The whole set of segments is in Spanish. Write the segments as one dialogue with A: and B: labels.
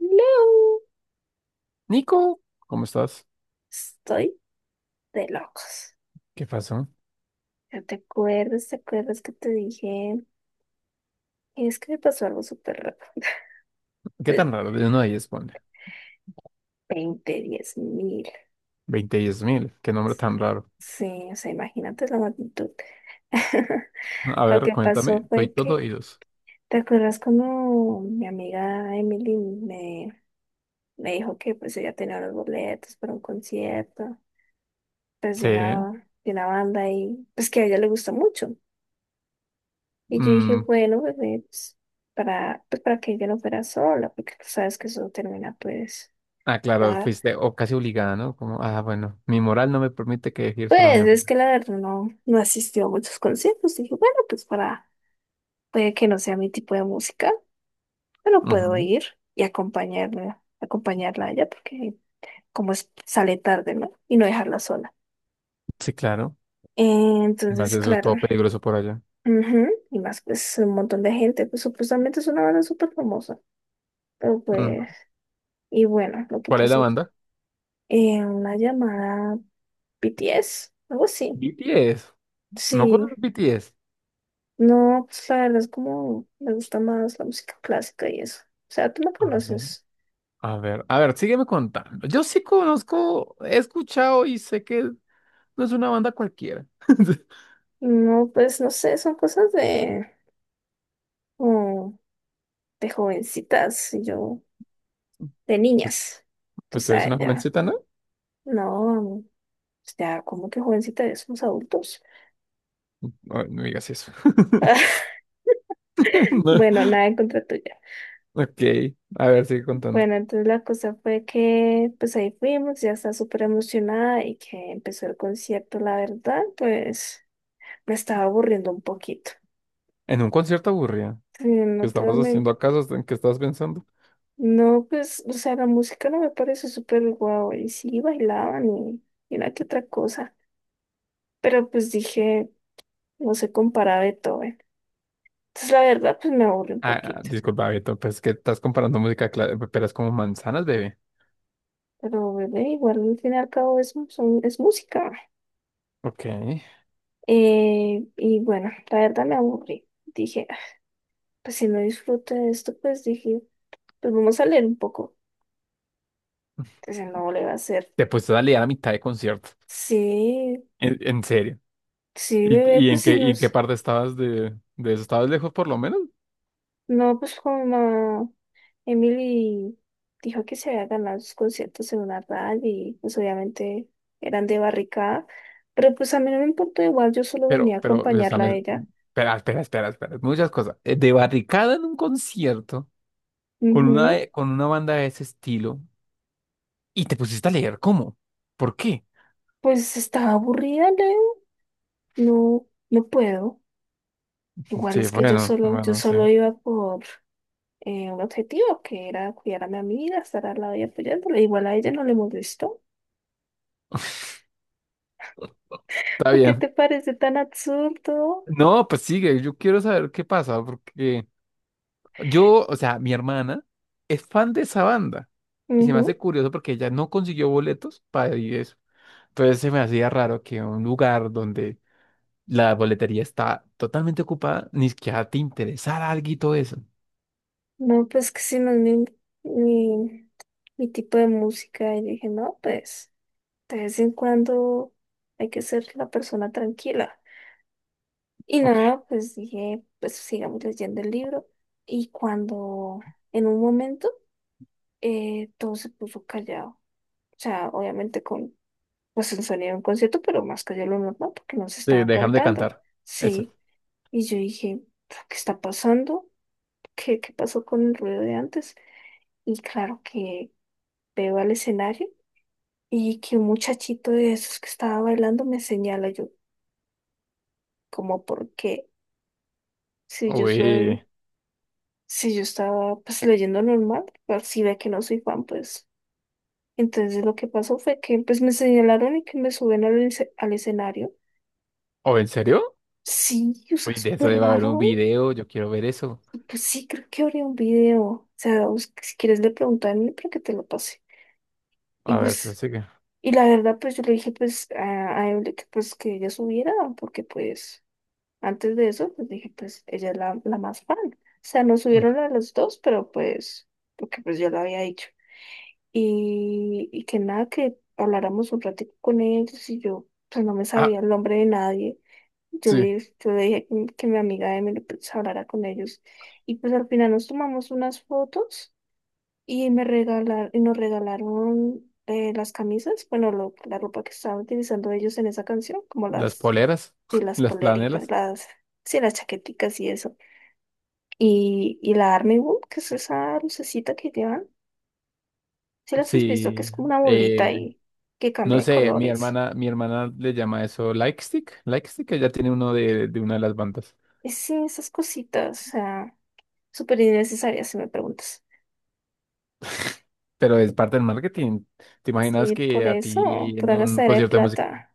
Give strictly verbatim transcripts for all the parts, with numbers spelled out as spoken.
A: No,
B: Nico, ¿cómo estás?
A: estoy de locos.
B: ¿Qué pasó?
A: ¿Ya te acuerdas? ¿Te acuerdas que te dije? Es que me pasó algo súper raro.
B: ¿Qué
A: De
B: tan raro de uno a diez, ponle?
A: veinte, diez mil.
B: Veinte diez mil, qué nombre tan raro.
A: Sí, o sea, imagínate la magnitud.
B: A
A: Lo
B: ver,
A: que
B: cuéntame,
A: pasó
B: soy
A: fue
B: todo
A: que,
B: oídos.
A: ¿te acuerdas cuando mi amiga Emily me, me dijo que pues ella tenía los boletos para un concierto, pues de
B: Sí.
A: una, de una banda y pues que a ella le gusta mucho? Y yo dije,
B: Mm,
A: bueno, bebé, pues, para, pues, para que ella no fuera sola, porque tú sabes que eso no termina, pues,
B: ah, claro,
A: da-
B: fuiste o casi obligada, ¿no? Como, ah, bueno, mi moral no me permite que decir solo a mi
A: Pues es
B: amiga.
A: que la verdad no, no asistió a muchos conciertos. Dije, bueno, pues para, puede que no sea mi tipo de música, pero puedo
B: Ujú.
A: ir y acompañarla, acompañarla a ella, porque como es, sale tarde, ¿no? Y no dejarla sola.
B: Sí, claro.
A: Eh,
B: Y más
A: Entonces,
B: eso es
A: claro,
B: todo peligroso por allá.
A: ujú, y más, pues un montón de gente, pues supuestamente es una banda súper famosa, pero
B: Mm.
A: pues, y bueno, lo que
B: ¿Cuál es la
A: pasó
B: banda?
A: eh, una llamada B T S, algo así.
B: B T S. ¿No
A: Sí,
B: conoces B T S?
A: no, pues la verdad es como me gusta más la música clásica y eso. O sea, tú me
B: Ay,
A: conoces.
B: a ver, a ver, sígueme contando. Yo sí conozco, he escuchado y sé que no es una banda cualquiera.
A: No, pues no sé, son cosas de, como de jovencitas y yo, de niñas. Tú
B: Pues tú eres
A: sabes,
B: una
A: ya.
B: jovencita, ¿no?
A: No, pues, ya, como que jovencita, ya somos adultos.
B: No, no digas eso. No.
A: Bueno, nada en contra tuya.
B: Ok, a ver, sigue contando.
A: Bueno, entonces la cosa fue que pues ahí fuimos, ya estaba súper emocionada y que empezó el concierto, la verdad, pues me estaba aburriendo un poquito.
B: ¿En un concierto aburrido,
A: Sí,
B: qué
A: no, te voy a
B: estabas haciendo
A: men-
B: acaso? ¿En qué estabas pensando?
A: no, pues, o sea, la música no me parece súper guau. Y sí, bailaban y, y una que otra cosa. Pero pues dije, no se compara a Beethoven. Entonces, la verdad, pues me aburre un
B: Ah, ah,
A: poquito.
B: disculpa, Beto, pues que estás comparando música clásica, pero es como manzanas, bebé.
A: Pero bebé, igual al fin y al cabo es, mu- son- es música.
B: Ok.
A: Eh, y bueno, la verdad me aburrí. Dije, "Ah, pues si no disfruto de esto, pues dije, pues vamos a leer un poco. Entonces, no le va a hacer.
B: Te pusiste a leer a mitad de concierto.
A: Sí,
B: En, en serio.
A: sí, bebé,
B: ¿Y, y en
A: pues si
B: qué, y en qué
A: nos.
B: parte estabas de, de eso? ¿Estabas lejos por lo menos?
A: No, pues como Emily dijo que se había ganado sus conciertos en una radio y pues obviamente eran de barricada, pero pues a mí no me importó igual, yo solo venía
B: Pero,
A: a
B: pero, o sea,
A: acompañarla a
B: me-
A: ella.
B: espera, espera, espera, espera. Muchas cosas. Eh, De barricada en un concierto con una,
A: Ujú.
B: con una banda de ese estilo. Y te pusiste a leer, ¿cómo? ¿Por qué?
A: Pues estaba aburrida, Leo. No, no puedo. Igual
B: Sí,
A: es que yo
B: bueno,
A: solo, yo
B: bueno, sí.
A: solo iba por eh, un objetivo que era cuidar a mi amiga, estar al lado y apoyándola. Igual a ella no le molestó.
B: Está
A: ¿Por qué
B: bien.
A: te parece tan absurdo?
B: No, pues sigue, yo quiero saber qué pasa, porque yo, o sea, mi hermana es fan de esa banda y se me hace curioso porque ella no consiguió boletos para ir a eso. Entonces se me hacía raro que un lugar donde la boletería está totalmente ocupada, ni siquiera te interesara algo y todo eso.
A: No, pues que sí, no es mi, mi, mi tipo de música. Y dije, no, pues de vez en cuando hay que ser la persona tranquila. Y
B: Ok,
A: nada, pues dije, pues sigamos leyendo el libro. Y cuando en un momento eh, todo se puso callado. O sea, obviamente con pues el sonido de un concierto, pero más callado de lo normal porque no se
B: sí,
A: estaban
B: dejan de
A: cantando.
B: cantar. Eso.
A: Sí. Y yo dije, ¿qué está pasando? ¿Qué, qué pasó con el ruido de antes? Y claro que veo al escenario y que un muchachito de esos que estaba bailando me señala yo, como porque si yo soy,
B: Uy,
A: si yo estaba pues leyendo normal, pero si ve que no soy fan, pues entonces lo que pasó fue que pues me señalaron y que me suben al, esc- al escenario.
B: ¿o en serio?
A: Sí, o
B: Uy,
A: sea,
B: de eso
A: súper
B: debe haber un
A: raro.
B: video, yo quiero ver eso.
A: Pues sí, creo que habría un video. O sea, bus- si quieres le pregunto a mí para que te lo pase. Y
B: A ver,
A: pues,
B: pensé que...
A: y la verdad, pues yo le dije pues a, a Evelyn que pues que ella subiera, porque pues antes de eso, pues dije, pues ella es la, la más fan. O sea, nos subieron a los dos, pero pues, porque pues yo lo había dicho. Y, y que nada, que habláramos un ratito con ellos y yo, pues no me
B: Ah,
A: sabía el nombre de nadie. Yo
B: sí.
A: le, yo le dije que, que mi amiga Emily pues hablara con ellos. Y pues al final nos tomamos unas fotos y me regalaron, y nos regalaron eh, las camisas, bueno, lo- la ropa que estaban utilizando ellos en esa canción, como
B: Las
A: las
B: poleras,
A: y las
B: las
A: poleritas,
B: planelas.
A: las, sí, las chaqueticas y eso. Y, y la Army Wool, que es esa lucecita que llevan, si las has visto, que
B: Sí,
A: es como una bolita
B: eh,
A: y que cambia
B: no
A: de
B: sé, mi
A: colores.
B: hermana, mi hermana le llama eso like stick, like stick, ella tiene uno de, de una de las bandas,
A: Y sí, esas cositas, o sea, súper innecesarias si me preguntas.
B: pero es parte del marketing. ¿Te imaginas
A: Sí, por
B: que a
A: eso,
B: ti en
A: pura
B: un
A: gastadera de
B: concierto de música,
A: plata,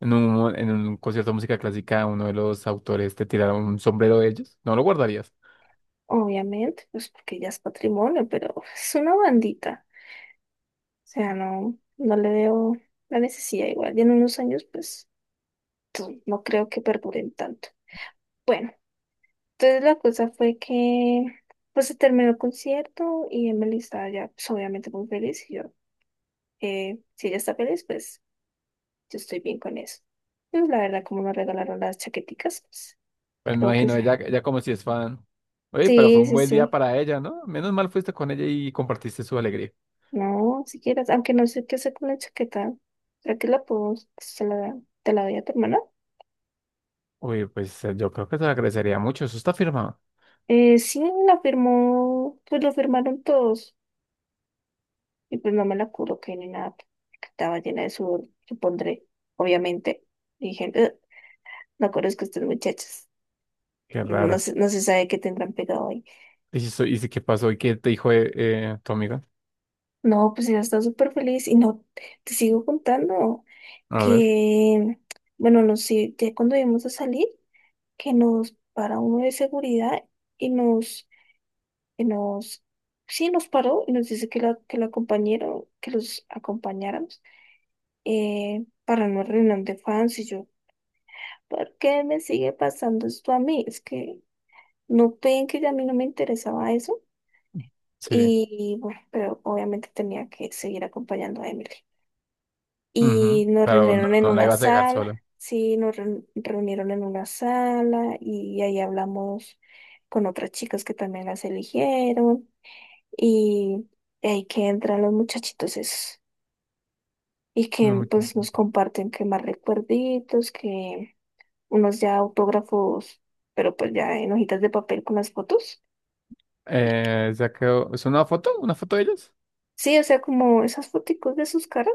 B: en un, en un concierto de música clásica, uno de los autores te tirara un sombrero de ellos? ¿No lo guardarías?
A: obviamente, pues porque ya es patrimonio, pero es una bandita. O sea, no, no le veo la necesidad igual. Y en unos años, pues, tú- no creo que perduren tanto. Bueno. Entonces la cosa fue que pues se terminó el concierto y Emily estaba ya pues, obviamente muy feliz y yo, eh, si ella está feliz, pues yo estoy bien con eso. Y pues, la verdad, como nos regalaron las chaqueticas, pues
B: Pues me
A: creo que
B: imagino,
A: sí,
B: ella, ella como si es fan. Oye, pero fue
A: sí,
B: un
A: sí.
B: buen día
A: Sí.
B: para ella, ¿no? Menos mal fuiste con ella y compartiste su alegría.
A: No, si quieres, aunque no sé qué hacer con la chaqueta, ¿será que la puedo, se la, te la doy a tu hermana?
B: Uy, pues eh, yo creo que se agradecería mucho. Eso está firmado.
A: Eh, sí, la firmó, pues lo firmaron todos y pues no me la coloqué ni nada, porque estaba llena de sudor, supondré, obviamente. Dije, "Ugh". No conozco a estas muchachas.
B: Qué
A: No
B: raro.
A: se, no se sabe qué tendrán pegado ahí.
B: ¿Y, si so- y si qué pasó? ¿Y qué te dijo eh, eh, tu amiga?
A: No, pues ella está súper feliz. Y no, te sigo contando
B: A ver.
A: que, bueno, no sé, ya cuando íbamos a salir, que nos para uno de seguridad y nos, y nos, sí, nos paró y nos dice que la, que la acompañaron, que los acompañáramos eh, para una reunión de fans. Y yo, ¿por qué me sigue pasando esto a mí? Es que no ven que ya a mí no me interesaba eso.
B: Sí.
A: Y bueno, pero obviamente tenía que seguir acompañando a Emily. Y
B: Ujú.
A: nos
B: Claro, no,
A: reunieron en
B: no la
A: una
B: ibas a dejar
A: sala,
B: sola.
A: sí, nos reun- reunieron en una sala y ahí hablamos con otras chicas que también las eligieron. Y ahí que entran los muchachitos esos. Y
B: No
A: que
B: me quiero.
A: pues nos comparten que más recuerditos, que unos ya autógrafos, pero pues ya en hojitas de papel con las fotos.
B: Eh, ya quedó. ¿Es una foto? ¿Una foto de ellos?
A: Sí, o sea, como esas foticos de sus caras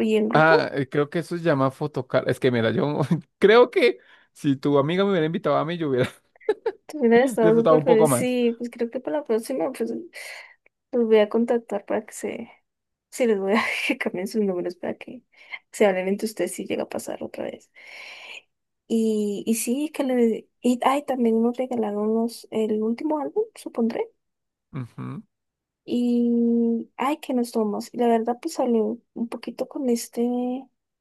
A: y en
B: Ah,
A: grupo.
B: eh, creo que eso se llama fotocar. Es que mira, yo creo que si tu amiga me hubiera invitado a mí, yo hubiera
A: Te hubieran estado
B: disfrutado
A: súper
B: un poco
A: feliz.
B: más.
A: Sí, pues creo que para la próxima, pues los voy a contactar para que se. Sí, les voy a que cambien sus números para que se hablen entre ustedes si llega a pasar otra vez. Y, y sí, que le. Y, ay, también nos regalaron los, el último álbum, supondré.
B: Ujú.
A: Y. Ay, que nos tomamos. Y la verdad, pues hablé un poquito con este.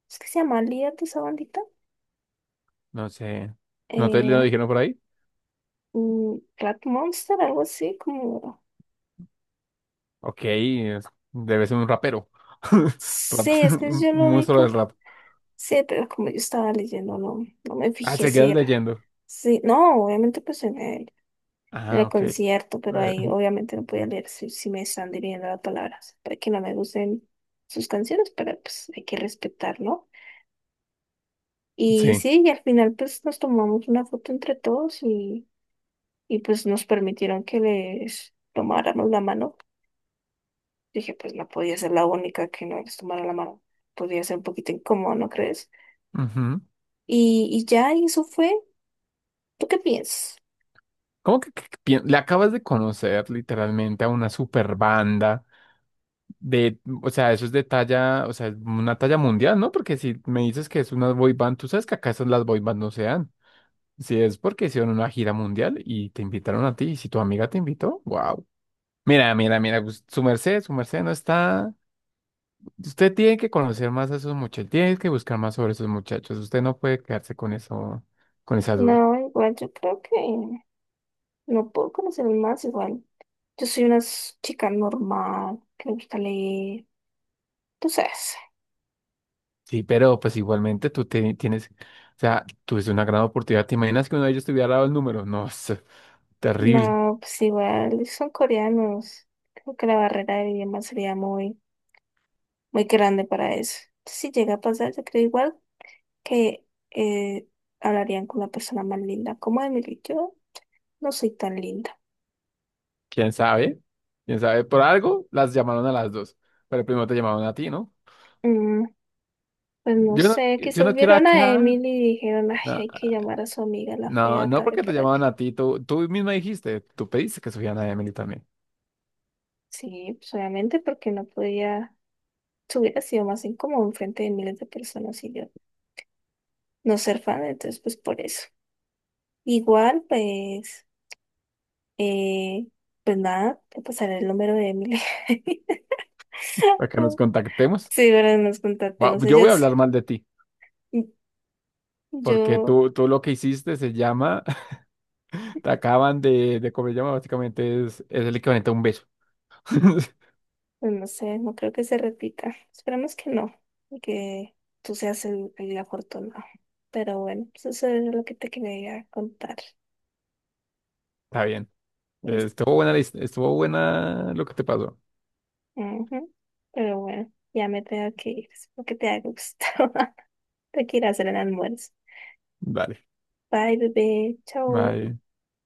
A: Es que se llama líder de esa bandita.
B: No sé. ¿No te lo
A: Eh,
B: dijeron por ahí?
A: mm, Rat Monster, algo así, como.
B: Ok, es- debe ser un rapero. Rap-
A: Sí, es que
B: un
A: yo lo vi
B: monstruo
A: como.
B: del rap.
A: Sí, pero como yo estaba leyendo, no, no me
B: Ah,
A: fijé
B: se
A: si
B: quedas
A: era.
B: leyendo.
A: Sí, no, obviamente pues en el, en
B: Ah,
A: el
B: ok. Eh,
A: concierto, pero ahí obviamente no podía leer si, si me están dirigiendo las palabras, para que no me gusten sus canciones, pero pues hay que respetar, ¿no? Y
B: sí.
A: sí, y al final pues nos tomamos una foto entre todos y, y pues nos permitieron que les tomáramos la mano. Dije, pues no podía ser la única que no les tomara la mano. Podía ser un poquito incómodo, ¿no crees?
B: Ujú.
A: Y, y ya, y eso fue. ¿Tú qué piensas?
B: ¿Cómo que, que- que pien- le acabas de conocer literalmente a una super banda de, o sea, eso es de talla, o sea, una talla mundial, ¿no? Porque si me dices que es una boy band, tú sabes que acá esas las boy band no se dan. Si es porque hicieron una gira mundial y te invitaron a ti, y si tu amiga te invitó, wow. Mira, mira, mira, pues, su merced, su merced no está. Usted tiene que conocer más a esos muchachos, tiene que buscar más sobre esos muchachos. Usted no puede quedarse con eso, con esa duda.
A: No, igual yo creo que no puedo conocer más igual. Yo soy una s- chica normal, que me gusta leer. Tú sabes.
B: Sí, pero pues igualmente tú te- tienes, o sea, tuviste una gran oportunidad. ¿Te imaginas que uno de ellos te hubiera dado el número? No, es terrible.
A: No, pues igual son coreanos. Creo que la barrera del idioma sería muy, muy grande para eso. Si llega a pasar, yo creo igual que eh, hablarían con la persona más linda. Como Emily, yo no soy tan linda.
B: ¿Quién sabe? ¿Quién sabe? Por algo las llamaron a las dos, pero primero te llamaron a ti, ¿no?
A: Mm, pues no
B: Yo no,
A: sé,
B: yo
A: quizás
B: no quiero
A: vieron a
B: acá.
A: Emily y dijeron, ay,
B: No,
A: hay que llamar a su amiga la
B: no,
A: fea
B: no
A: también
B: porque te
A: para que.
B: llamaban a ti, tú, tú misma dijiste, tú pediste que subieran a Emily también,
A: Sí, pues, obviamente porque no podía, se hubiera sido más incómodo enfrente de miles de personas y yo no ser fan, entonces pues por eso. Igual, pues, eh, pues nada, te pasaré el número de Emily.
B: para que nos contactemos.
A: Sí, ahora nos
B: Wa-
A: contactemos.
B: yo voy a
A: Ellas,
B: hablar mal de ti, porque
A: yo,
B: tú, tú lo que hiciste se llama, te acaban de, de comer llama, básicamente es, es el equivalente a un beso.
A: pues no sé, no creo que se repita. Esperemos que no, y que tú seas el, el afortunado. Pero bueno, pues eso es lo que te quería contar.
B: Está bien. Eh, Estuvo buena, la his- estuvo buena lo que te pasó.
A: Ujú. Pero bueno, ya me tengo que ir. Espero que te haya gustado. Te quiero hacer el almuerzo.
B: Dale.
A: Bye, bebé. Chao.
B: Bye.